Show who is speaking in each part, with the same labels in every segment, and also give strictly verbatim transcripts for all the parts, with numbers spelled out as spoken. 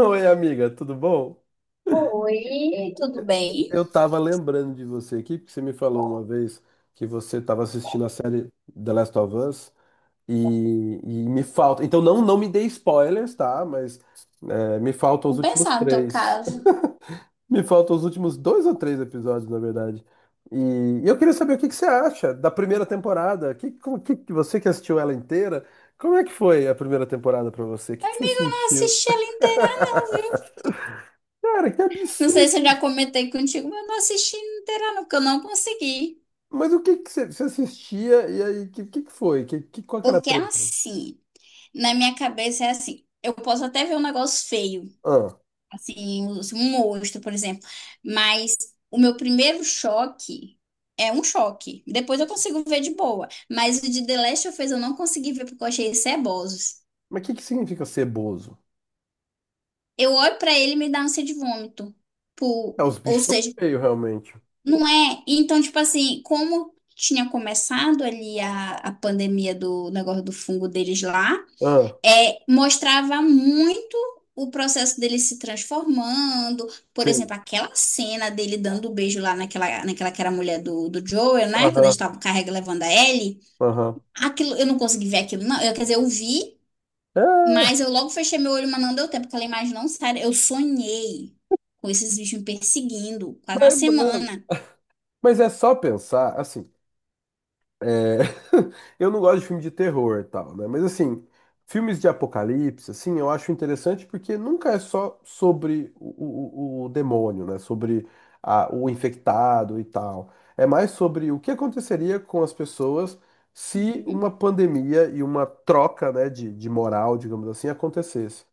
Speaker 1: Oi, amiga, tudo bom?
Speaker 2: Oi, tudo.
Speaker 1: Eu tava lembrando de você aqui, porque você me falou uma vez que você tava assistindo a série The Last of Us e, e me falta. Então não, não me dê spoilers, tá? Mas é, me faltam os últimos três. Me faltam os últimos dois ou três episódios, na verdade. E, eu queria saber o que que você acha da primeira temporada. Que, como- que, que você que assistiu ela inteira, como é que foi a primeira temporada pra você? O que que você
Speaker 2: Não
Speaker 1: sentiu?
Speaker 2: assisti ela inteira, não, viu?
Speaker 1: Cara, que
Speaker 2: Não sei
Speaker 1: absurdo!
Speaker 2: se eu já comentei contigo, mas eu não assisti inteira, não, porque eu não consegui.
Speaker 1: Mas o que que você você assistia e aí, o que, que que foi? Que, que, qual que era a
Speaker 2: Porque é
Speaker 1: treta?
Speaker 2: assim, na minha cabeça é assim. Eu posso até ver um negócio feio,
Speaker 1: Ah,
Speaker 2: assim, um um monstro, por exemplo. Mas o meu primeiro choque é um choque. Depois eu consigo ver de boa. Mas o de The Last of Us eu não consegui ver porque eu achei cebosos.
Speaker 1: mas o que que significa ser bozo?
Speaker 2: Eu olho pra ele e me dá ânsia de vômito. Pô,
Speaker 1: É, os
Speaker 2: ou
Speaker 1: bichos são
Speaker 2: seja.
Speaker 1: feios, realmente.
Speaker 2: Não é? Então, tipo assim, como tinha começado ali a, a pandemia do negócio do fungo deles lá,
Speaker 1: Ah,
Speaker 2: é, mostrava muito o processo dele se transformando. Por
Speaker 1: tem.
Speaker 2: exemplo, aquela cena dele dando o beijo lá naquela, naquela que era a mulher do, do Joel, né? Quando eles
Speaker 1: Aham,
Speaker 2: estavam carregando, levando a Ellie.
Speaker 1: aham.
Speaker 2: Aquilo, eu não consegui ver aquilo, não. Eu, quer dizer, eu vi,
Speaker 1: É,
Speaker 2: mas eu logo fechei meu olho, mas não deu tempo, porque aquela imagem não sai. Eu sonhei com esses bichos me perseguindo quase uma
Speaker 1: mas, mano,
Speaker 2: semana.
Speaker 1: mas é só pensar, assim. É. Eu não gosto de filme de terror e tal, né? Mas assim, filmes de apocalipse, assim, eu acho interessante porque nunca é só sobre o, o- o demônio, né? Sobre a- o infectado e tal. É mais sobre o que aconteceria com as pessoas se uma pandemia e uma troca, né, de, de moral, digamos assim, acontecesse.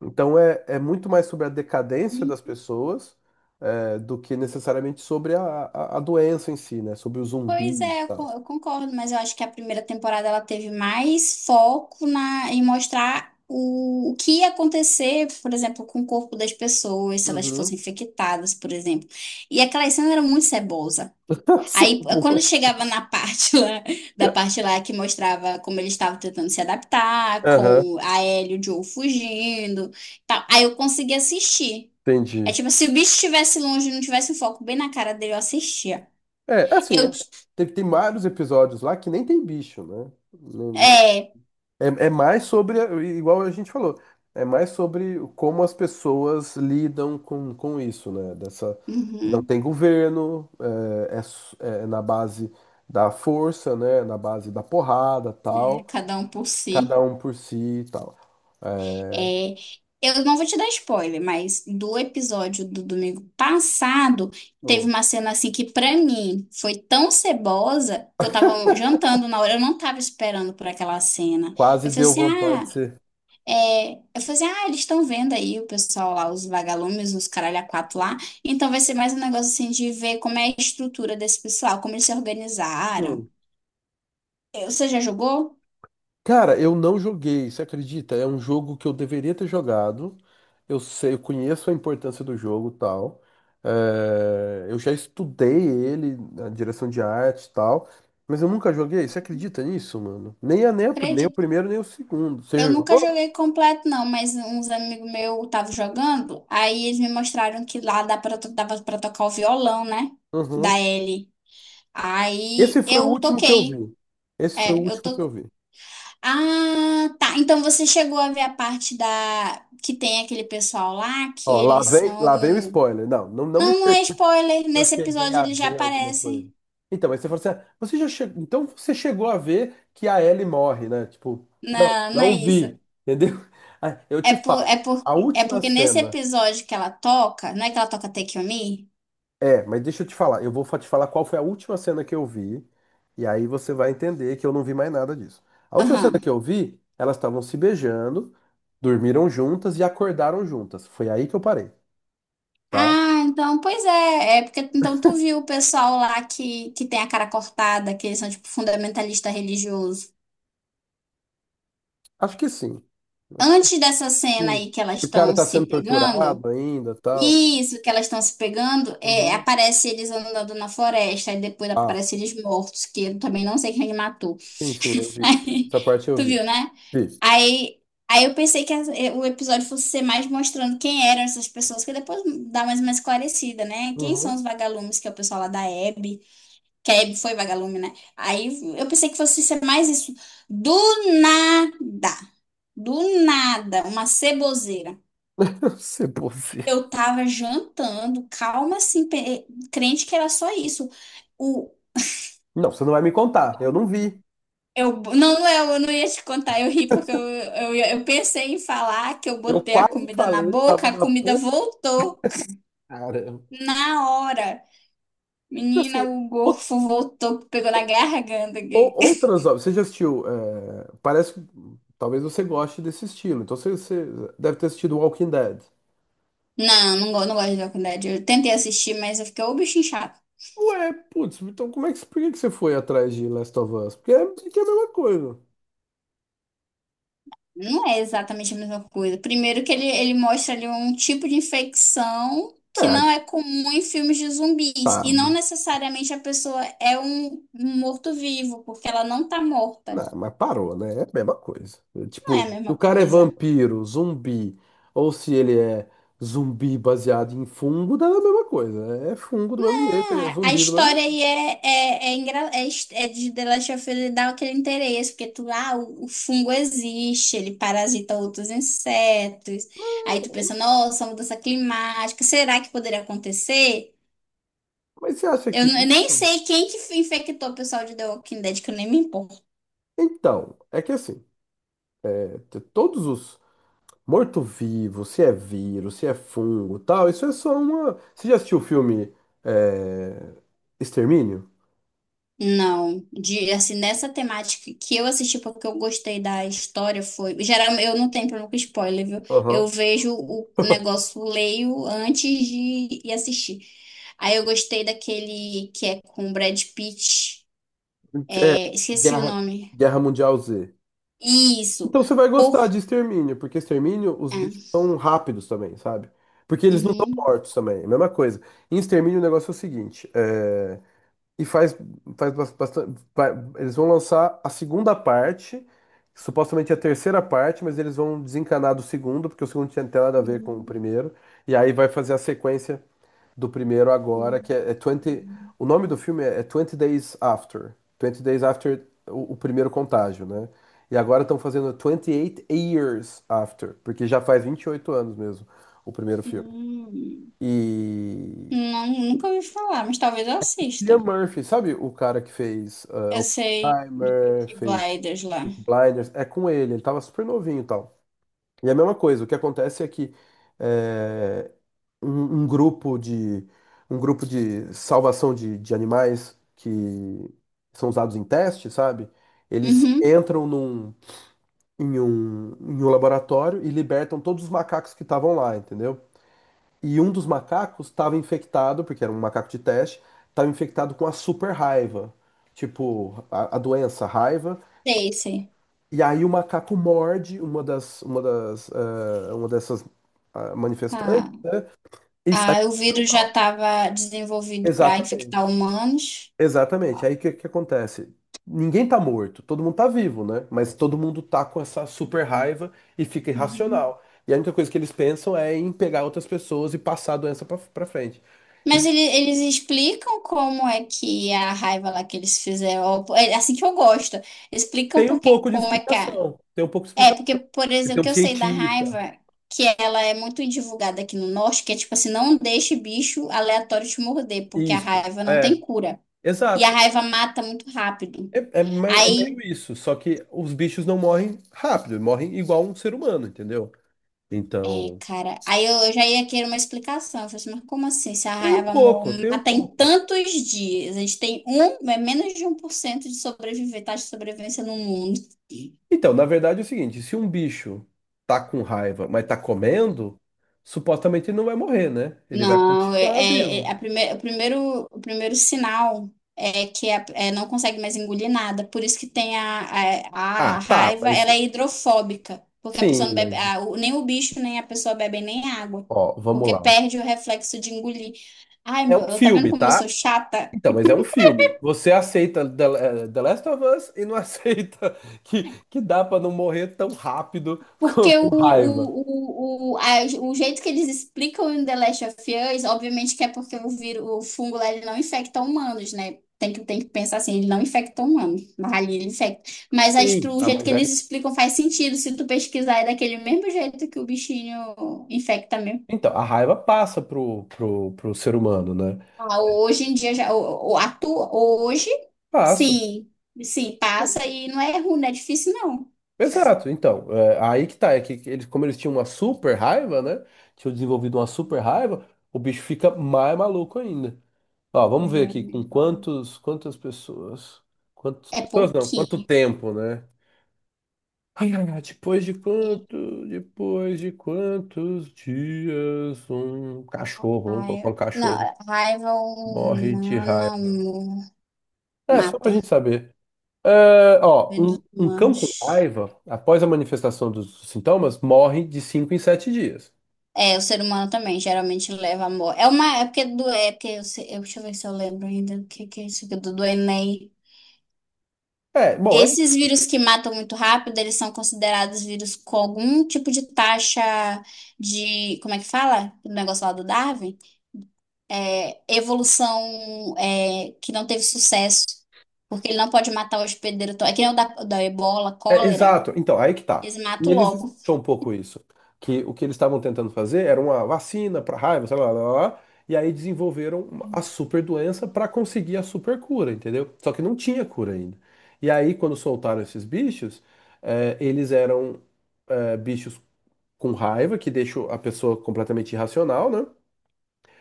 Speaker 1: Então é, é muito mais sobre a decadência das
Speaker 2: Uhum.
Speaker 1: pessoas, é, do que necessariamente sobre a, a, a doença em si, né? Sobre o
Speaker 2: Pois
Speaker 1: zumbi.
Speaker 2: é, eu con- eu concordo, mas eu acho que a primeira temporada ela teve mais foco na, em mostrar o, o que ia acontecer, por exemplo, com o corpo das pessoas, se elas
Speaker 1: Uhum.
Speaker 2: fossem infectadas, por exemplo. E aquela cena era muito cebosa. Aí, eh, quando
Speaker 1: Ceboso.
Speaker 2: chegava na parte lá, da parte lá que mostrava como eles estavam tentando se adaptar,
Speaker 1: Aham,
Speaker 2: com a Ellie e o Joe fugindo, e tal, aí eu conseguia assistir. É
Speaker 1: entendi.
Speaker 2: tipo, se o bicho estivesse longe e não tivesse o foco bem na cara dele, eu assistia.
Speaker 1: É, é assim, é,
Speaker 2: Eu,
Speaker 1: tem, tem vários episódios lá que nem tem bicho, né? Não- não-
Speaker 2: é.
Speaker 1: é, é mais sobre, igual a gente falou, é mais sobre como as pessoas lidam com, com isso, né? Dessa, não
Speaker 2: Uhum.
Speaker 1: tem governo, é, é s- é na base da força, né? Na base da porrada,
Speaker 2: É,
Speaker 1: tal.
Speaker 2: cada um por
Speaker 1: Cada
Speaker 2: si.
Speaker 1: um por si e tal.
Speaker 2: É, eu não vou te dar spoiler, mas do episódio do domingo passado, teve
Speaker 1: Pô,
Speaker 2: uma cena assim que pra mim foi tão cebosa que eu tava jantando na hora, eu não tava esperando por aquela cena.
Speaker 1: quase
Speaker 2: Eu falei
Speaker 1: deu
Speaker 2: assim,
Speaker 1: vontade de
Speaker 2: ah,
Speaker 1: ser.
Speaker 2: é... eu falei assim, ah, eles estão vendo aí o pessoal lá, os vagalumes, os caralho a quatro lá, então vai ser mais um negócio assim de ver como é a estrutura desse pessoal, como eles se organizaram.
Speaker 1: Hum.
Speaker 2: Eh, Você já jogou?
Speaker 1: Cara, eu não joguei, você acredita? É um jogo que eu deveria ter jogado. Eu sei, eu conheço a importância do jogo, e tal. É, eu já estudei ele, a direção de arte, e tal, mas eu nunca joguei. Você acredita nisso, mano? Nem a, nem a- nem o primeiro nem o segundo. Você
Speaker 2: Eu
Speaker 1: já
Speaker 2: nunca
Speaker 1: jogou?
Speaker 2: joguei completo, não, mas uns amigos meus estavam jogando, aí eles me mostraram que lá dá pra, to- dava pra tocar o violão, né? Da
Speaker 1: Uhum.
Speaker 2: Ellie.
Speaker 1: Esse
Speaker 2: Aí
Speaker 1: foi o
Speaker 2: eu
Speaker 1: último que eu
Speaker 2: toquei.
Speaker 1: vi. Esse foi o
Speaker 2: É, eu
Speaker 1: último que
Speaker 2: tô.
Speaker 1: eu vi.
Speaker 2: Ah, tá. Então você chegou a ver a parte da. Que tem aquele pessoal lá que
Speaker 1: Ó, lá
Speaker 2: eles
Speaker 1: vem, lá vem o
Speaker 2: são.
Speaker 1: spoiler. Não, não, não me.
Speaker 2: Não, não é spoiler.
Speaker 1: Eu
Speaker 2: Nesse
Speaker 1: cheguei
Speaker 2: episódio
Speaker 1: a
Speaker 2: eles já
Speaker 1: ver alguma coisa.
Speaker 2: aparecem.
Speaker 1: Então, mas você falou assim, ah, você já chegou, então você chegou a ver que a Ellie morre, né? Tipo, não,
Speaker 2: Não, não é
Speaker 1: não
Speaker 2: isso.
Speaker 1: vi, entendeu? Ah, eu
Speaker 2: É,
Speaker 1: te
Speaker 2: por,
Speaker 1: falo,
Speaker 2: é, por,
Speaker 1: a
Speaker 2: é
Speaker 1: última
Speaker 2: porque nesse
Speaker 1: cena.
Speaker 2: episódio que ela toca. Não é que ela toca Take On Me?
Speaker 1: É, mas deixa eu te falar, eu vou fa- te falar qual foi a última cena que eu vi, e aí você vai entender que eu não vi mais nada disso. A última cena
Speaker 2: Aham.
Speaker 1: que eu vi, elas estavam se beijando, dormiram juntas e acordaram juntas. Foi aí que eu parei, tá?
Speaker 2: Ah, então, pois é, é porque então tu viu o pessoal lá que, que tem a cara cortada, que eles são tipo fundamentalista religioso.
Speaker 1: Acho que sim. Acho que
Speaker 2: Antes dessa cena
Speaker 1: sim.
Speaker 2: aí que elas
Speaker 1: E o cara
Speaker 2: estão
Speaker 1: tá
Speaker 2: se
Speaker 1: sendo
Speaker 2: pegando,
Speaker 1: torturado ainda, tal.
Speaker 2: isso que elas estão se pegando, é,
Speaker 1: Uhum.
Speaker 2: aparece eles andando na floresta e depois
Speaker 1: Ah,
Speaker 2: aparece eles mortos, que eu também não sei quem matou.
Speaker 1: sim, sim, eu vi.
Speaker 2: Aí,
Speaker 1: Essa parte eu
Speaker 2: tu
Speaker 1: vi.
Speaker 2: viu, né?
Speaker 1: Vi.
Speaker 2: Aí, aí eu pensei que as- eh, o episódio fosse ser mais mostrando quem eram essas pessoas, que depois dá mais uma esclarecida, né? Quem são
Speaker 1: Uhum.
Speaker 2: os vagalumes, que é o pessoal lá da Hebe. Que a Abby foi vagalume, né? Aí eu pensei que fosse ser mais isso. Do nada. Do nada. Uma ceboseira.
Speaker 1: Ser você.
Speaker 2: Eu tava jantando, calma assim, pe- crente que era só isso. O,
Speaker 1: Não, você não vai me contar. Eu não vi.
Speaker 2: eu, não, Léo, eu não ia te contar, eu ri porque eu, eu, eu pensei em falar que eu
Speaker 1: Eu
Speaker 2: botei a
Speaker 1: quase
Speaker 2: comida na
Speaker 1: falei, tava
Speaker 2: boca, a
Speaker 1: na
Speaker 2: comida
Speaker 1: ponta.
Speaker 2: voltou
Speaker 1: Caramba.
Speaker 2: na hora.
Speaker 1: Assim,
Speaker 2: Menina, o
Speaker 1: ou-
Speaker 2: gorfo voltou, pegou na garganta.
Speaker 1: ou- outras obras. Você já assistiu? É, parece que talvez você goste desse estilo. Então você, você deve ter assistido Walking Dead.
Speaker 2: Não, não, go- não gosto de Walking Dead. Eu tentei assistir, mas eu fiquei, ô, bichinho chato.
Speaker 1: Ué, putz, então como é que, por que que você foi atrás de Last of Us? Porque é, porque é a mesma coisa.
Speaker 2: Não é exatamente a mesma coisa. Primeiro que ele, ele mostra ali um tipo de infecção que
Speaker 1: É,
Speaker 2: não é comum em filmes de zumbis.
Speaker 1: tá.
Speaker 2: E não necessariamente a pessoa é um, um morto-vivo, porque ela não tá
Speaker 1: Não,
Speaker 2: morta.
Speaker 1: mas parou, né? É a mesma coisa. É,
Speaker 2: Não é a
Speaker 1: tipo, se o
Speaker 2: mesma
Speaker 1: cara é
Speaker 2: coisa.
Speaker 1: vampiro, zumbi, ou se ele é zumbi baseado em fungo, dá a mesma coisa. É fungo do mesmo jeito, é
Speaker 2: Ah, a
Speaker 1: zumbi do mesmo
Speaker 2: história
Speaker 1: jeito.
Speaker 2: aí é, é, é, engra- é, his- é de The Last of Us ele aquele interesse, porque tu, ah, o, o fungo existe, ele parasita outros insetos. Aí
Speaker 1: É.
Speaker 2: tu pensa, nossa, mudança climática, será que poderia acontecer?
Speaker 1: Mas você acha
Speaker 2: Eu,
Speaker 1: que
Speaker 2: n- eu nem
Speaker 1: isso?
Speaker 2: sei quem que infectou o pessoal de The Walking Dead, que eu nem me importo.
Speaker 1: Então, é que assim, é, t- todos os morto-vivos, se é vírus, se é fungo, tal, isso é só uma. Você já assistiu o filme é, Extermínio?
Speaker 2: Não, de assim nessa temática que eu assisti porque eu gostei da história foi, geral eu não tenho problema com spoiler, viu? Eu
Speaker 1: Aham.
Speaker 2: vejo o o negócio, leio antes de ir assistir. Aí eu gostei daquele que é com o Brad Pitt,
Speaker 1: É,
Speaker 2: é, esqueci o
Speaker 1: Guerra,
Speaker 2: nome.
Speaker 1: Guerra Mundial Z.
Speaker 2: Isso.
Speaker 1: Então você vai
Speaker 2: Por...
Speaker 1: gostar de Extermínio, porque Extermínio os bichos
Speaker 2: É.
Speaker 1: são rápidos também, sabe? Porque eles não estão
Speaker 2: Uhum,
Speaker 1: mortos também, é a mesma coisa. Em Extermínio o negócio é o seguinte, é, e faz, faz bastante, eles vão lançar a segunda parte, supostamente a terceira parte, mas eles vão desencanar do segundo, porque o segundo não tinha nada a ver com o
Speaker 2: uhum,
Speaker 1: primeiro, e aí vai fazer a sequência do primeiro agora,
Speaker 2: uhum.
Speaker 1: que é, é vinte. O nome do filme é, é twenty Days After. twenty Days After o, o primeiro contágio, né? E agora estão fazendo vinte e oito Years After, porque já faz vinte e oito anos mesmo o primeiro filme.
Speaker 2: Hum.
Speaker 1: E.
Speaker 2: Não, nunca ouvi falar, mas talvez eu assista.
Speaker 1: Cillian Murphy, sabe o cara que fez
Speaker 2: Eu
Speaker 1: uh,
Speaker 2: sei do
Speaker 1: Primer,
Speaker 2: Peaky
Speaker 1: fez
Speaker 2: Blinders lá.
Speaker 1: Peaky Blinders? É com ele, ele tava super novinho e tal. E é a mesma coisa, o que acontece é que. Eh, um, um grupo de um grupo de salvação de, de animais que são usados em teste, sabe? Eles
Speaker 2: Uhum,
Speaker 1: entram num, em um, em um, laboratório e libertam todos os macacos que estavam lá, entendeu? E um dos macacos estava infectado, porque era um macaco de teste, estava infectado com a super raiva, tipo a, a doença, a raiva.
Speaker 2: sei, sei.
Speaker 1: E aí o macaco morde uma das uma das eh, uma dessas ah, manifestantes,
Speaker 2: Ah,
Speaker 1: né? E sai
Speaker 2: ah, o vírus já estava desenvolvido para infectar
Speaker 1: exatamente.
Speaker 2: humanos.
Speaker 1: Exatamente. Aí o que, que acontece? Ninguém tá morto, todo mundo tá vivo, né? Mas todo mundo tá com essa super raiva e fica
Speaker 2: Uhum.
Speaker 1: irracional. E a única coisa que eles pensam é em pegar outras pessoas e passar a doença pra, pra frente. E
Speaker 2: Mas ele- eles explicam como é que a raiva lá que eles fizeram, ó, é assim que eu gosto, explicam
Speaker 1: tem um
Speaker 2: porque
Speaker 1: pouco de
Speaker 2: como é que é.
Speaker 1: explicação. Tem um pouco de
Speaker 2: É,
Speaker 1: explicação.
Speaker 2: porque, por exemplo,
Speaker 1: Tem
Speaker 2: o
Speaker 1: um
Speaker 2: que eu sei da
Speaker 1: cientista.
Speaker 2: raiva, que ela é muito divulgada aqui no norte, que é tipo assim, não deixe bicho aleatório te morder, porque a
Speaker 1: Isso.
Speaker 2: raiva não
Speaker 1: É,
Speaker 2: tem cura. E a
Speaker 1: exato.
Speaker 2: raiva mata muito rápido.
Speaker 1: É, é me- é
Speaker 2: Aí,
Speaker 1: meio isso. Só que os bichos não morrem rápido, morrem igual um ser humano, entendeu?
Speaker 2: é,
Speaker 1: Então,
Speaker 2: cara. Aí eu, eu já ia querer uma explicação. Eu falei assim, mas como assim? Se a
Speaker 1: tem um
Speaker 2: raiva mo-
Speaker 1: pouco, tem um
Speaker 2: mata em
Speaker 1: pouco.
Speaker 2: tantos dias, a gente tem um, é menos de um por cento de sobreviver, taxa de sobrevivência no mundo.
Speaker 1: Então, na verdade é o seguinte, se um bicho tá com raiva, mas tá comendo, supostamente ele não vai morrer, né? Ele vai
Speaker 2: Não, é,
Speaker 1: continuar
Speaker 2: é-
Speaker 1: vivo.
Speaker 2: é a prime- o primeiro, o primeiro sinal é que a- é, não consegue mais engolir nada. Por isso que tem a, a, a
Speaker 1: Ah, tá,
Speaker 2: raiva,
Speaker 1: mas
Speaker 2: ela é hidrofóbica, porque a pessoa
Speaker 1: sim,
Speaker 2: não
Speaker 1: mas
Speaker 2: bebe, a- o- nem o bicho, nem a pessoa bebem nem água,
Speaker 1: ó, vamos
Speaker 2: porque
Speaker 1: lá.
Speaker 2: perde o reflexo de engolir. Ai,
Speaker 1: É
Speaker 2: meu,
Speaker 1: um
Speaker 2: eu- tá vendo
Speaker 1: filme,
Speaker 2: como eu sou
Speaker 1: tá?
Speaker 2: chata?
Speaker 1: Então, mas é um filme. Você aceita The, eh, The Last of Us e não aceita que, que dá pra não morrer tão rápido com,
Speaker 2: Porque
Speaker 1: com
Speaker 2: o,
Speaker 1: raiva.
Speaker 2: o, o, o, a- o jeito que eles explicam em The Last of Us, obviamente que é porque o vírus, o fungo lá, ele não infecta humanos, né? Tem que, tem que pensar assim, ele não infecta humanos, mas ali ele infecta. Mas a
Speaker 1: Sim.
Speaker 2: estru- o
Speaker 1: Ah,
Speaker 2: jeito
Speaker 1: mas
Speaker 2: que
Speaker 1: aí,
Speaker 2: eles explicam faz sentido, se tu pesquisar, é daquele mesmo jeito que o bichinho infecta mesmo.
Speaker 1: então, a raiva passa pro, pro, pro ser humano, né?
Speaker 2: Ah, hoje em dia, já, o, o, atu- hoje,
Speaker 1: Passa.
Speaker 2: sim, sim, passa e não é ruim, não é difícil não.
Speaker 1: Exato, então, é, aí que tá, é que eles, como eles tinham uma super raiva, né? Tinham desenvolvido uma super raiva, o bicho fica mais maluco ainda. Ó, vamos ver aqui com
Speaker 2: Gente, ó.
Speaker 1: quantos, quantas pessoas. Quantas
Speaker 2: É
Speaker 1: pessoas não, quanto
Speaker 2: pouquinho.
Speaker 1: tempo, né? Ai, ai, ai, depois de quanto, depois de quantos dias um cachorro, vamos colocar
Speaker 2: Raiva,
Speaker 1: um cachorro,
Speaker 2: não, raiva
Speaker 1: morre de
Speaker 2: humana,
Speaker 1: raiva.
Speaker 2: amor,
Speaker 1: É, só pra
Speaker 2: mata.
Speaker 1: gente saber. É, ó,
Speaker 2: Vida
Speaker 1: um,
Speaker 2: dos
Speaker 1: um cão com
Speaker 2: humanos.
Speaker 1: raiva, após a manifestação dos sintomas, morre de cinco em sete dias.
Speaker 2: É, o ser humano também geralmente leva amor. É uma, é porque do, é porque eu, sei- eu- deixa eu ver se eu lembro ainda o que, que é isso aqui do, do Enem.
Speaker 1: É, bom, é,
Speaker 2: Esses vírus que matam muito rápido, eles são considerados vírus com algum tipo de taxa de, como é que fala? O negócio lá do Darwin? É, evolução, é, que não teve sucesso. Porque ele não pode matar o hospedeiro. to- É que nem o da, da Ebola,
Speaker 1: é
Speaker 2: cólera.
Speaker 1: exato. Então, aí que tá.
Speaker 2: Eles
Speaker 1: E
Speaker 2: matam
Speaker 1: eles
Speaker 2: logo.
Speaker 1: explicam um pouco isso. Que o que eles estavam tentando fazer era uma vacina para raiva, sei lá, lá, lá, lá, e aí desenvolveram uma- a super doença para conseguir a super cura, entendeu? Só que não tinha cura ainda. E aí, quando soltaram esses bichos, é, eles eram, é, bichos com raiva, que deixam a pessoa completamente irracional, né?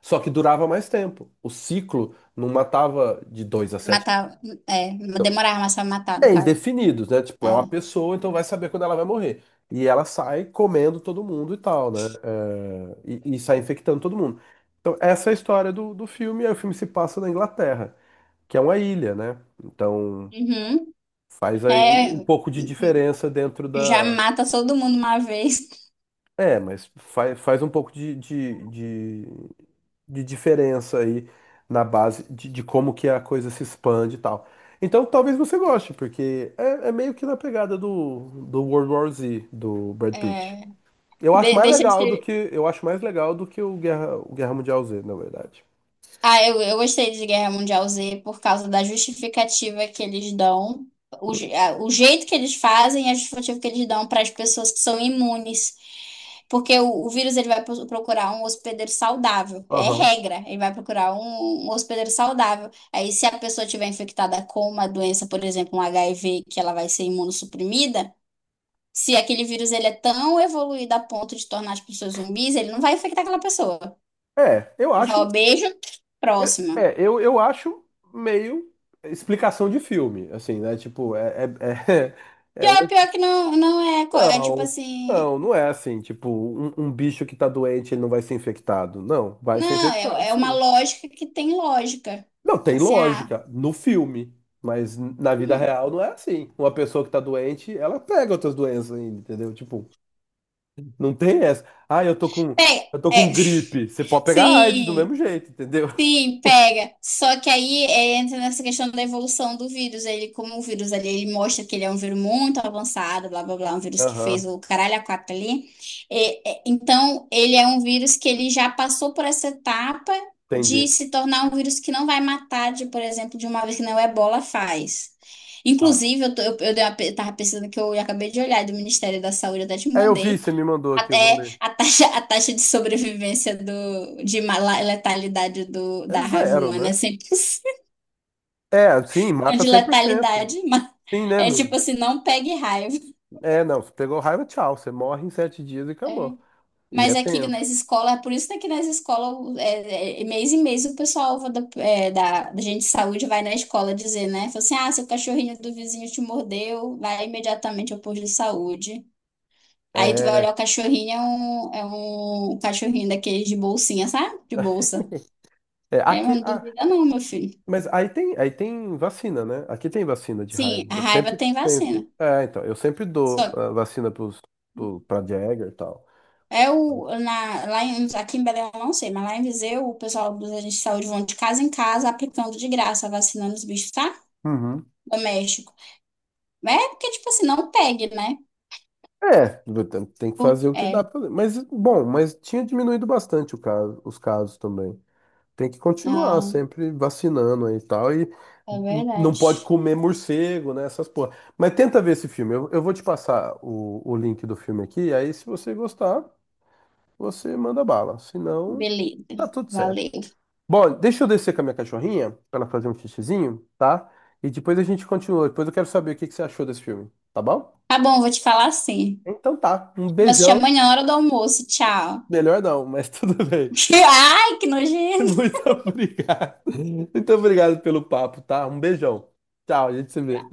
Speaker 1: Só que durava mais tempo. O ciclo não matava de dois a sete.
Speaker 2: Matar, é, demorar mais pra matar, no
Speaker 1: É
Speaker 2: caso.
Speaker 1: indefinido, né? Tipo, é uma
Speaker 2: É.
Speaker 1: pessoa, então vai saber quando ela vai morrer. E ela sai comendo todo mundo e tal, né? É, e, e sai infectando todo mundo. Então, essa é a história do, do filme. Aí o filme se passa na Inglaterra, que é uma ilha, né? Então,
Speaker 2: Uhum.
Speaker 1: faz aí um
Speaker 2: É,
Speaker 1: pouco de diferença dentro
Speaker 2: já
Speaker 1: da.
Speaker 2: mata todo mundo uma vez.
Speaker 1: É, mas faz, faz um pouco de, de, de de diferença aí na base de, de como que a coisa se expande e tal. Então talvez você goste, porque é, é meio que na pegada do, do World War Z, do Brad Pitt.
Speaker 2: É,
Speaker 1: Eu acho
Speaker 2: de-
Speaker 1: mais
Speaker 2: deixa de
Speaker 1: legal do que eu acho mais legal do que o Guerra, o Guerra Mundial Z, na verdade.
Speaker 2: Ah, eu, eu gostei de Guerra Mundial Z por causa da justificativa que eles dão, o, je- a- o jeito que eles fazem e a justificativa que eles dão para as pessoas que são imunes. Porque o, o vírus ele vai pro- procurar um hospedeiro saudável, é
Speaker 1: Aham.
Speaker 2: regra, ele vai procurar um, um hospedeiro saudável. Aí, se a pessoa tiver infectada com uma doença, por exemplo, um H I V, que ela vai ser imunossuprimida, se aquele vírus ele é tão evoluído a ponto de tornar as pessoas zumbis, ele não vai infectar aquela pessoa.
Speaker 1: É, eu
Speaker 2: Ele
Speaker 1: acho
Speaker 2: fala, beijo,
Speaker 1: eu-
Speaker 2: próxima.
Speaker 1: é, eu, eu acho meio explicação de filme, assim, né? Tipo, é, é, é, é
Speaker 2: Pior,
Speaker 1: uma.
Speaker 2: pior que não, não é, co- é tipo
Speaker 1: Não,
Speaker 2: assim,
Speaker 1: não, não é assim. Tipo, um, um bicho que tá doente, ele não vai ser infectado. Não, vai ser
Speaker 2: não,
Speaker 1: infectado,
Speaker 2: é, é uma
Speaker 1: sim.
Speaker 2: lógica que tem lógica.
Speaker 1: Não, tem
Speaker 2: Assim, ah,
Speaker 1: lógica no filme, mas na vida
Speaker 2: hum,
Speaker 1: real não é assim. Uma pessoa que tá doente, ela pega outras doenças ainda, entendeu? Tipo, não tem essa. Ah, eu tô com,
Speaker 2: é,
Speaker 1: eu tô com
Speaker 2: é,
Speaker 1: gripe. Você pode pegar AIDS do
Speaker 2: sim.
Speaker 1: mesmo jeito, entendeu?
Speaker 2: Sim, pega. Só que aí é, entra nessa questão da evolução do vírus. Ele, como o vírus ali, ele mostra que ele é um vírus muito avançado, blá blá blá, um vírus que fez
Speaker 1: Aham,
Speaker 2: o caralho a quatro ali. É, é, então, ele é um vírus que ele já passou por essa etapa de
Speaker 1: entendi.
Speaker 2: se tornar um vírus que não vai matar, de, por exemplo, de uma vez que não o Ebola faz.
Speaker 1: Ah.
Speaker 2: Inclusive, eu, tô- eu, eu dei uma pe- tava pesquisando que eu acabei de olhar do Ministério da Saúde, eu até te
Speaker 1: É, eu vi,
Speaker 2: mandei.
Speaker 1: você me mandou aqui, eu vou
Speaker 2: Até
Speaker 1: ler.
Speaker 2: a taxa, a taxa de sobrevivência do, de ma- la- letalidade do,
Speaker 1: É
Speaker 2: da raiva
Speaker 1: zero,
Speaker 2: humana é
Speaker 1: né?
Speaker 2: cem por cento
Speaker 1: É, sim, mata
Speaker 2: de
Speaker 1: cem por cento.
Speaker 2: letalidade, mas
Speaker 1: Sim, né?
Speaker 2: é
Speaker 1: Não.
Speaker 2: tipo assim, não pegue raiva.
Speaker 1: É, não, você pegou raiva, tchau. Você morre em sete dias e
Speaker 2: É.
Speaker 1: acabou. E é
Speaker 2: Mas aqui
Speaker 1: tenso.
Speaker 2: nas escolas, por isso que aqui nas escolas, é, é, mês em mês, o pessoal da, é, da, da gente de saúde vai na escola dizer, né? Fala assim, ah, seu cachorrinho do vizinho te mordeu, vai imediatamente ao posto de saúde. Aí tu vai
Speaker 1: É,
Speaker 2: olhar o cachorrinho, é um, é um cachorrinho daqueles de bolsinha, sabe? De bolsa.
Speaker 1: é,
Speaker 2: É,
Speaker 1: aqui,
Speaker 2: mas não
Speaker 1: ah,
Speaker 2: duvida não, meu filho.
Speaker 1: mas aí tem, aí tem vacina, né? Aqui tem vacina de raiva.
Speaker 2: Sim, a
Speaker 1: Eu
Speaker 2: raiva
Speaker 1: sempre
Speaker 2: tem
Speaker 1: tento.
Speaker 2: vacina.
Speaker 1: É, então, eu sempre dou
Speaker 2: Só
Speaker 1: ah, vacina pros, pro, pra Jagger e tal.
Speaker 2: é o na, lá em, Aqui em Belém eu não sei, mas lá em Viseu o pessoal dos agentes de saúde vão de casa em casa aplicando de graça, vacinando os bichos, tá?
Speaker 1: Uhum.
Speaker 2: Doméstico. É porque, tipo assim, não pegue, né?
Speaker 1: É, tem tem que
Speaker 2: Por-
Speaker 1: fazer o que dá
Speaker 2: É,
Speaker 1: pra fazer. Mas, bom, mas tinha diminuído bastante o caso, os casos também. Tem que continuar
Speaker 2: não,
Speaker 1: sempre vacinando aí e tal. E
Speaker 2: é
Speaker 1: n- não pode
Speaker 2: verdade.
Speaker 1: comer morcego, né? Essas porra. Mas tenta ver esse filme. Eu, eu vou te passar o, o link do filme aqui. Aí, se você gostar, você manda bala. Se não,
Speaker 2: Beleza,
Speaker 1: tá tudo certo.
Speaker 2: valeu.
Speaker 1: Bom, deixa eu descer com a minha cachorrinha pra ela fazer um xixizinho, tá? E depois a gente continua. Depois eu quero saber o que que você achou desse filme, tá bom?
Speaker 2: Tá bom, vou te falar assim.
Speaker 1: Então tá. Um
Speaker 2: Mas te
Speaker 1: beijão.
Speaker 2: amanhã na hora do almoço, tchau.
Speaker 1: Melhor não, mas tudo bem.
Speaker 2: Ai, que nojento.
Speaker 1: Muito obrigado. Muito obrigado pelo papo, tá? Um beijão. Tchau, a gente se vê.